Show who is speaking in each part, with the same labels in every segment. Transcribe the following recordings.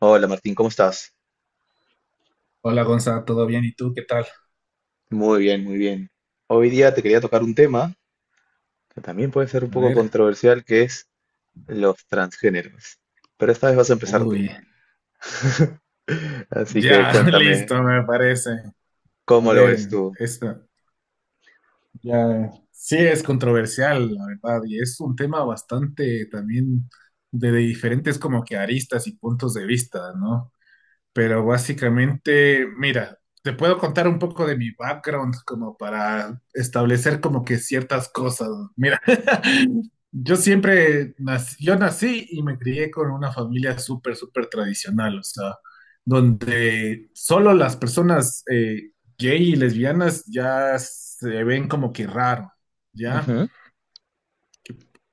Speaker 1: Hola Martín, ¿cómo estás?
Speaker 2: Hola Gonza, ¿todo bien? ¿Y tú qué tal?
Speaker 1: Muy bien, muy bien. Hoy día te quería tocar un tema que también puede ser un
Speaker 2: A
Speaker 1: poco
Speaker 2: ver.
Speaker 1: controversial, que es los transgéneros. Pero esta vez vas a empezar tú.
Speaker 2: Uy,
Speaker 1: Así que
Speaker 2: ya,
Speaker 1: cuéntame,
Speaker 2: listo, me parece. A
Speaker 1: ¿cómo lo ves
Speaker 2: ver,
Speaker 1: tú?
Speaker 2: esta ya sí es controversial, la verdad, y es un tema bastante también de diferentes como que aristas y puntos de vista, ¿no? Pero básicamente, mira, te puedo contar un poco de mi background como para establecer como que ciertas cosas. Mira, yo siempre nací, yo nací y me crié con una familia súper, súper tradicional, o sea, donde solo las personas gay y lesbianas ya se ven como que raro, ¿ya?
Speaker 1: Ujú.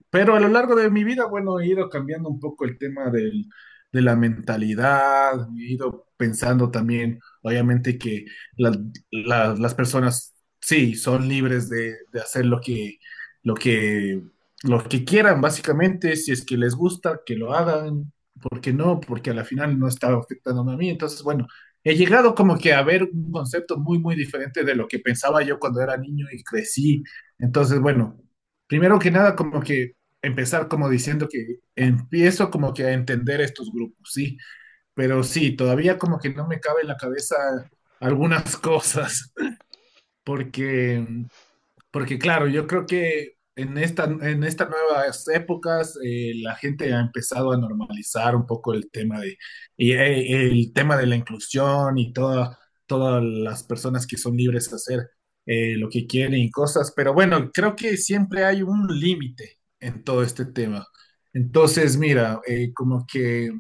Speaker 2: Pero a lo largo de mi vida, bueno, he ido cambiando un poco el tema de la mentalidad, he ido pensando también, obviamente, que la- las personas, sí, son libres de hacer lo lo que, lo que quieran, básicamente, si es que les gusta, que lo hagan, ¿por qué no? Porque a la final no está afectando a mí. Entonces, bueno, he llegado como que a ver un concepto muy, muy diferente de lo que pensaba yo cuando era niño y crecí. Entonces, bueno. Primero que nada, como que empezar como diciendo que empiezo como que a entender estos grupos, sí, pero sí, todavía como que no me cabe en la cabeza algunas cosas, porque porque claro, yo creo que en estas nuevas épocas la gente ha empezado a normalizar un poco el tema de, y, el tema de la inclusión y todas las personas que son libres de hacer lo que quieren y cosas, pero bueno, creo que siempre hay un límite en todo este tema. Entonces, mira, como que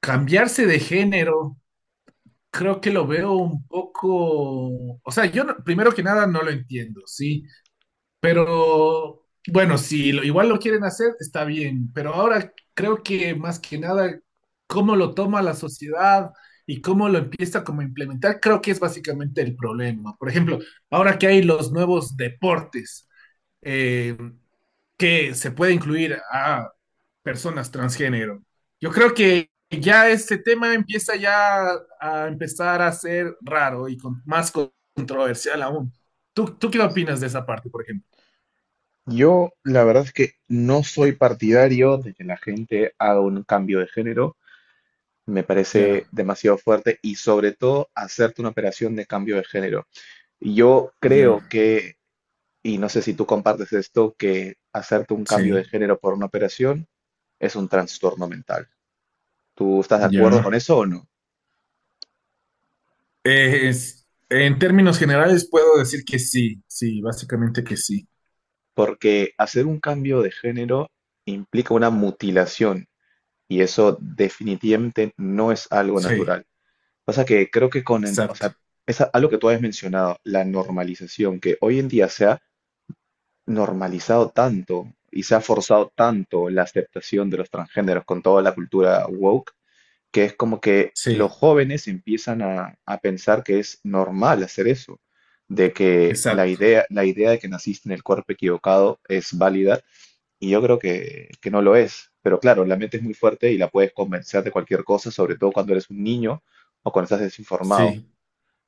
Speaker 2: cambiarse de género, creo que lo veo un poco, o sea, yo no- primero que nada no lo entiendo, ¿sí? Pero bueno, si lo- igual lo quieren hacer, está bien, pero ahora creo que más que nada, cómo lo toma la sociedad y cómo lo empieza como a implementar, creo que es básicamente el problema. Por ejemplo, ahora que hay los nuevos deportes, eh, que se puede incluir a personas transgénero, yo creo que ya ese tema empieza ya a empezar a ser raro y con- más controversial aún. ¿Tú qué opinas de esa parte, por ejemplo?
Speaker 1: Yo la verdad es que no soy partidario de que la gente haga un cambio de género. Me parece
Speaker 2: Ya.
Speaker 1: demasiado fuerte y sobre todo hacerte una operación de cambio de género. Yo creo
Speaker 2: Ya,
Speaker 1: que Y no sé si tú compartes esto, que hacerte un cambio de
Speaker 2: sí,
Speaker 1: género por una operación es un trastorno mental. ¿Tú estás de acuerdo con
Speaker 2: ya.
Speaker 1: eso o no?
Speaker 2: Es- en términos generales puedo decir que sí, sí, básicamente que sí.
Speaker 1: Porque hacer un cambio de género implica una mutilación y eso definitivamente no es algo
Speaker 2: Sí,
Speaker 1: natural. Pasa que creo que o sea,
Speaker 2: exacto.
Speaker 1: algo que tú habías mencionado, la normalización, que hoy en día se ha normalizado tanto y se ha forzado tanto la aceptación de los transgéneros con toda la cultura woke que es como que los
Speaker 2: Sí,
Speaker 1: jóvenes empiezan a pensar que es normal hacer eso, de que
Speaker 2: exacto.
Speaker 1: la idea de que naciste en el cuerpo equivocado es válida, y yo creo que no lo es. Pero claro, la mente es muy fuerte y la puedes convencer de cualquier cosa, sobre todo cuando eres un niño o cuando estás desinformado.
Speaker 2: Sí,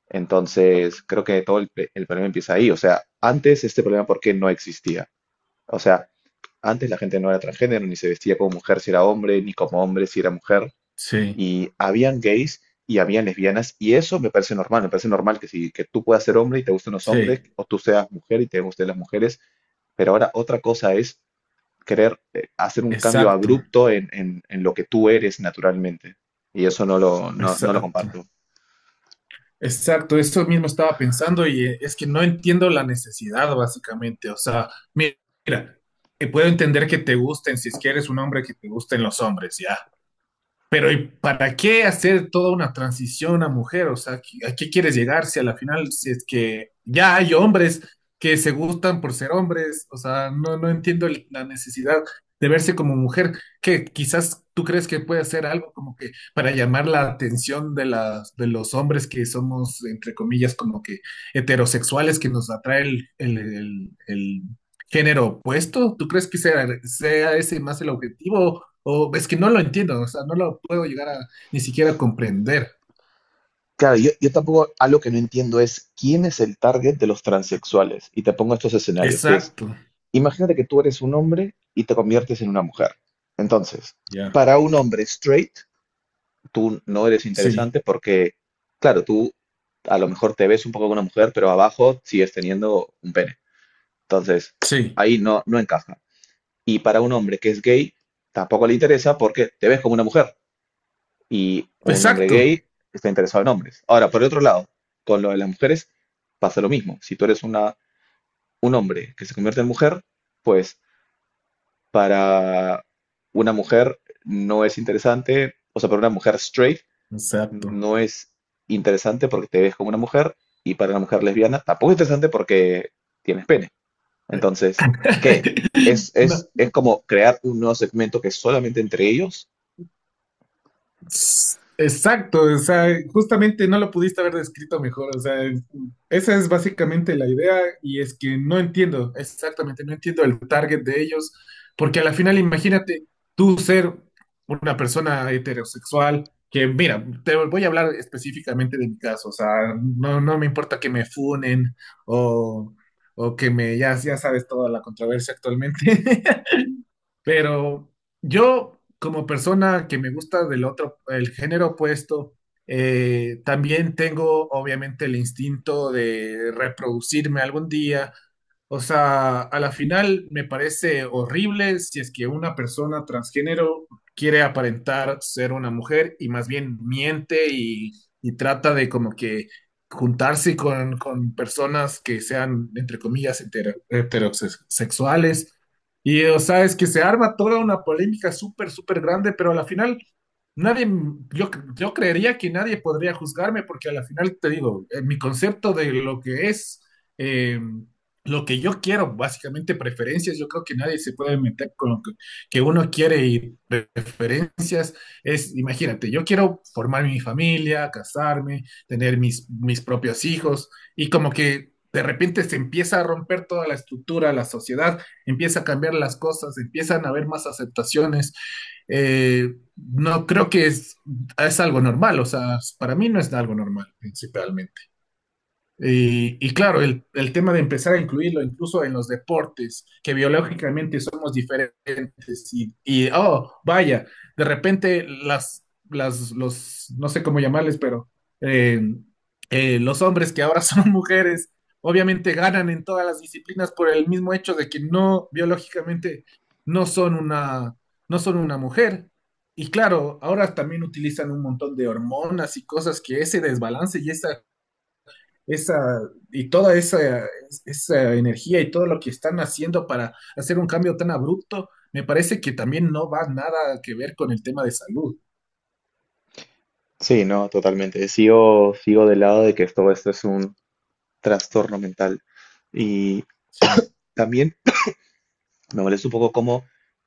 Speaker 1: Entonces, creo que todo el problema empieza ahí. O sea, antes este problema, ¿por qué no existía? O sea, antes la gente no era transgénero, ni se vestía como mujer si era hombre, ni como hombre si era mujer
Speaker 2: sí,
Speaker 1: y habían gays y habían lesbianas y eso me parece normal que si que tú puedas ser hombre y te gusten los hombres
Speaker 2: sí,
Speaker 1: o tú seas mujer y te gusten las mujeres, pero ahora otra cosa es querer hacer un cambio
Speaker 2: exacto,
Speaker 1: abrupto en lo que tú eres naturalmente y eso no lo
Speaker 2: exacto.
Speaker 1: comparto.
Speaker 2: Exacto, eso mismo estaba pensando y es que no entiendo la necesidad, básicamente. O sea, mi- mira, puedo entender que te gusten si es que eres un hombre que te gusten los hombres, ya. Pero ¿y para qué hacer toda una transición a mujer? O sea, a qué quieres llegar si a la final, si es que ya hay hombres que se gustan por ser hombres? O sea, no, no entiendo el- la necesidad de verse como mujer, que quizás tú crees que puede hacer algo como que para llamar la atención de de los hombres que somos, entre comillas, como que heterosexuales, que nos atrae el género opuesto. ¿Tú crees que sea ese más el objetivo? O es que no lo entiendo, o sea, no lo puedo llegar a ni siquiera comprender.
Speaker 1: Claro, yo tampoco, algo que no entiendo es quién es el target de los transexuales. Y te pongo estos escenarios, que es,
Speaker 2: Exacto.
Speaker 1: imagínate que tú eres un hombre y te conviertes en una mujer. Entonces,
Speaker 2: Ya.
Speaker 1: para un hombre straight, tú no eres interesante
Speaker 2: Sí.
Speaker 1: porque, claro, tú a lo mejor te ves un poco como una mujer, pero abajo sigues teniendo un pene. Entonces,
Speaker 2: Sí.
Speaker 1: ahí no, no encaja. Y para un hombre que es gay, tampoco le interesa porque te ves como una mujer. Y un hombre
Speaker 2: Exacto.
Speaker 1: gay está interesado en hombres. Ahora, por el otro lado, con lo de las mujeres pasa lo mismo. Si tú eres un hombre que se convierte en mujer, pues para una mujer no es interesante, o sea, para una mujer straight
Speaker 2: Exacto.
Speaker 1: no es interesante porque te ves como una mujer y para una mujer lesbiana tampoco es interesante porque tienes pene. Entonces, ¿qué? Es,
Speaker 2: No,
Speaker 1: es, es como crear un nuevo segmento que es solamente entre ellos.
Speaker 2: exacto, o sea, justamente no lo pudiste haber descrito mejor, o sea, es- esa es básicamente la idea y es que no entiendo, exactamente, no entiendo el target de ellos, porque a la final imagínate tú ser una persona heterosexual, que mira, te voy a hablar específicamente de mi caso, o sea, no, no me importa que me funen o, o que me, ya, ya sabes toda la controversia actualmente, pero yo, como persona que me gusta del otro, el género opuesto, también tengo obviamente el instinto de reproducirme algún día, o sea, a la final me parece horrible si es que una persona transgénero quiere aparentar ser una mujer y más bien miente y trata de como que juntarse con personas que sean, entre comillas, hetero- heterosexuales. Y, o sea, es que se arma toda una polémica súper, súper grande, pero a la final nadie, yo creería que nadie podría juzgarme porque a la final te digo, mi concepto de lo que es, eh, lo que yo quiero, básicamente preferencias, yo creo que nadie se puede meter con lo que uno quiere y preferencias. Es, imagínate, yo quiero formar mi familia, casarme, tener mis propios hijos y como que de repente se empieza a romper toda la estructura, la sociedad empieza a cambiar las cosas, empiezan a haber más aceptaciones. No creo que es algo normal, o sea, para mí no es algo normal principalmente. Y claro, el tema de empezar a incluirlo incluso en los deportes, que biológicamente somos diferentes y, oh, vaya, de repente los, no sé cómo llamarles, pero eh, los hombres que ahora son mujeres, obviamente ganan en todas las disciplinas por el mismo hecho de que no, biológicamente, no son una, no son una mujer. Y claro, ahora también utilizan un montón de hormonas y cosas que ese desbalance y esa esa y toda esa energía y todo lo que están haciendo para hacer un cambio tan abrupto, me parece que también no va nada que ver con el tema de salud.
Speaker 1: Sí, no, totalmente. Sigo del lado de que todo esto es un trastorno mental. Y
Speaker 2: Sí,
Speaker 1: también me molesta un poco cómo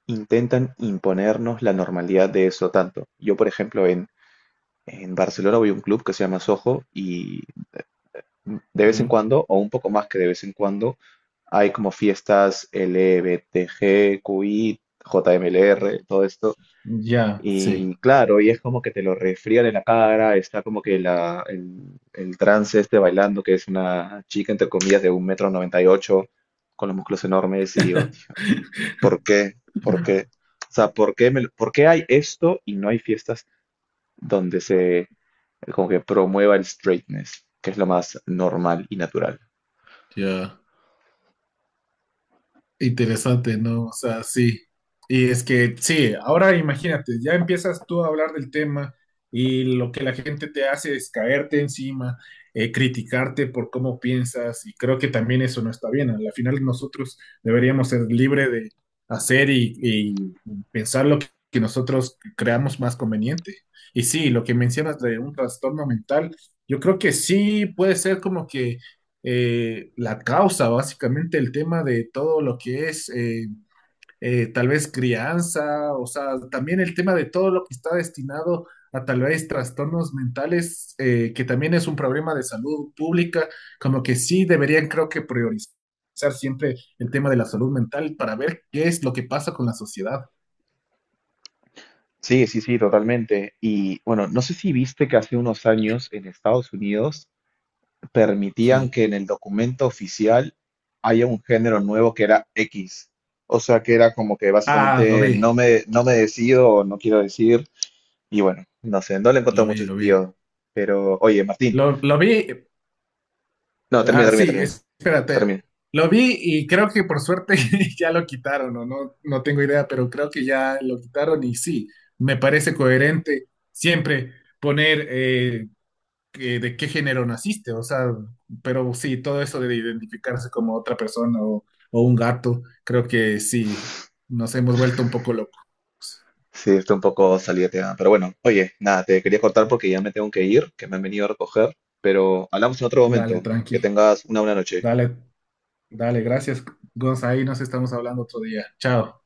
Speaker 1: intentan imponernos la normalidad de eso tanto. Yo, por ejemplo, en Barcelona voy a un club que se llama Soho y de vez en
Speaker 2: ya,
Speaker 1: cuando, o un poco más que de vez en cuando, hay como fiestas LBTG, QI, JMLR, todo esto.
Speaker 2: ya, sí,
Speaker 1: Y claro, y es como que te lo resfrían en la cara, está como que el trance este bailando, que es una chica, entre comillas, de 1,98 m, con los músculos enormes, y yo, tío, ¿por qué? ¿Por qué? O sea, ¿ por qué hay esto y no hay fiestas donde se como que promueva el straightness, que es lo más normal y natural?
Speaker 2: ya. Interesante, ¿no? O sea, sí. Y es que, sí, ahora imagínate, ya empiezas tú a hablar del tema y lo que la gente te hace es caerte encima, criticarte por cómo piensas y creo que también eso no está bien. ¿No? Al final nosotros deberíamos ser libres de hacer y pensar lo que nosotros creamos más conveniente. Y sí, lo que mencionas de un trastorno mental, yo creo que sí puede ser como que la causa, básicamente el tema de todo lo que es tal vez crianza, o sea, también el tema de todo lo que está destinado a tal vez trastornos mentales, que también es un problema de salud pública, como que sí deberían creo que priorizar siempre el tema de la salud mental para ver qué es lo que pasa con la sociedad.
Speaker 1: Sí, sí, sí, totalmente. Y bueno, no sé si viste que hace unos años en Estados Unidos permitían
Speaker 2: Sí,
Speaker 1: que en el documento oficial haya un género nuevo que era X. O sea, que era como que
Speaker 2: ah, lo
Speaker 1: básicamente
Speaker 2: vi,
Speaker 1: no me decido o no quiero decir. Y bueno, no sé, no le encuentro
Speaker 2: lo vi,
Speaker 1: mucho
Speaker 2: lo vi.
Speaker 1: sentido. Pero, oye, Martín,
Speaker 2: Lo vi,
Speaker 1: no, termina,
Speaker 2: ah,
Speaker 1: termina,
Speaker 2: sí,
Speaker 1: termina,
Speaker 2: espérate.
Speaker 1: termina.
Speaker 2: Lo vi y creo que por suerte ya lo quitaron, o no, no tengo idea, pero creo que ya lo quitaron y sí, me parece coherente siempre poner que- de qué género naciste, o sea, pero sí, todo eso de identificarse como otra persona o un gato, creo que sí, nos hemos vuelto un poco locos.
Speaker 1: Sí, estoy un poco salida de tema. Pero bueno, oye, nada, te quería cortar porque ya me tengo que ir, que me han venido a recoger. Pero hablamos en otro
Speaker 2: Dale,
Speaker 1: momento. Que
Speaker 2: tranqui,
Speaker 1: tengas una buena noche.
Speaker 2: dale, dale, gracias, Gonza, ahí nos estamos hablando otro día. Chao.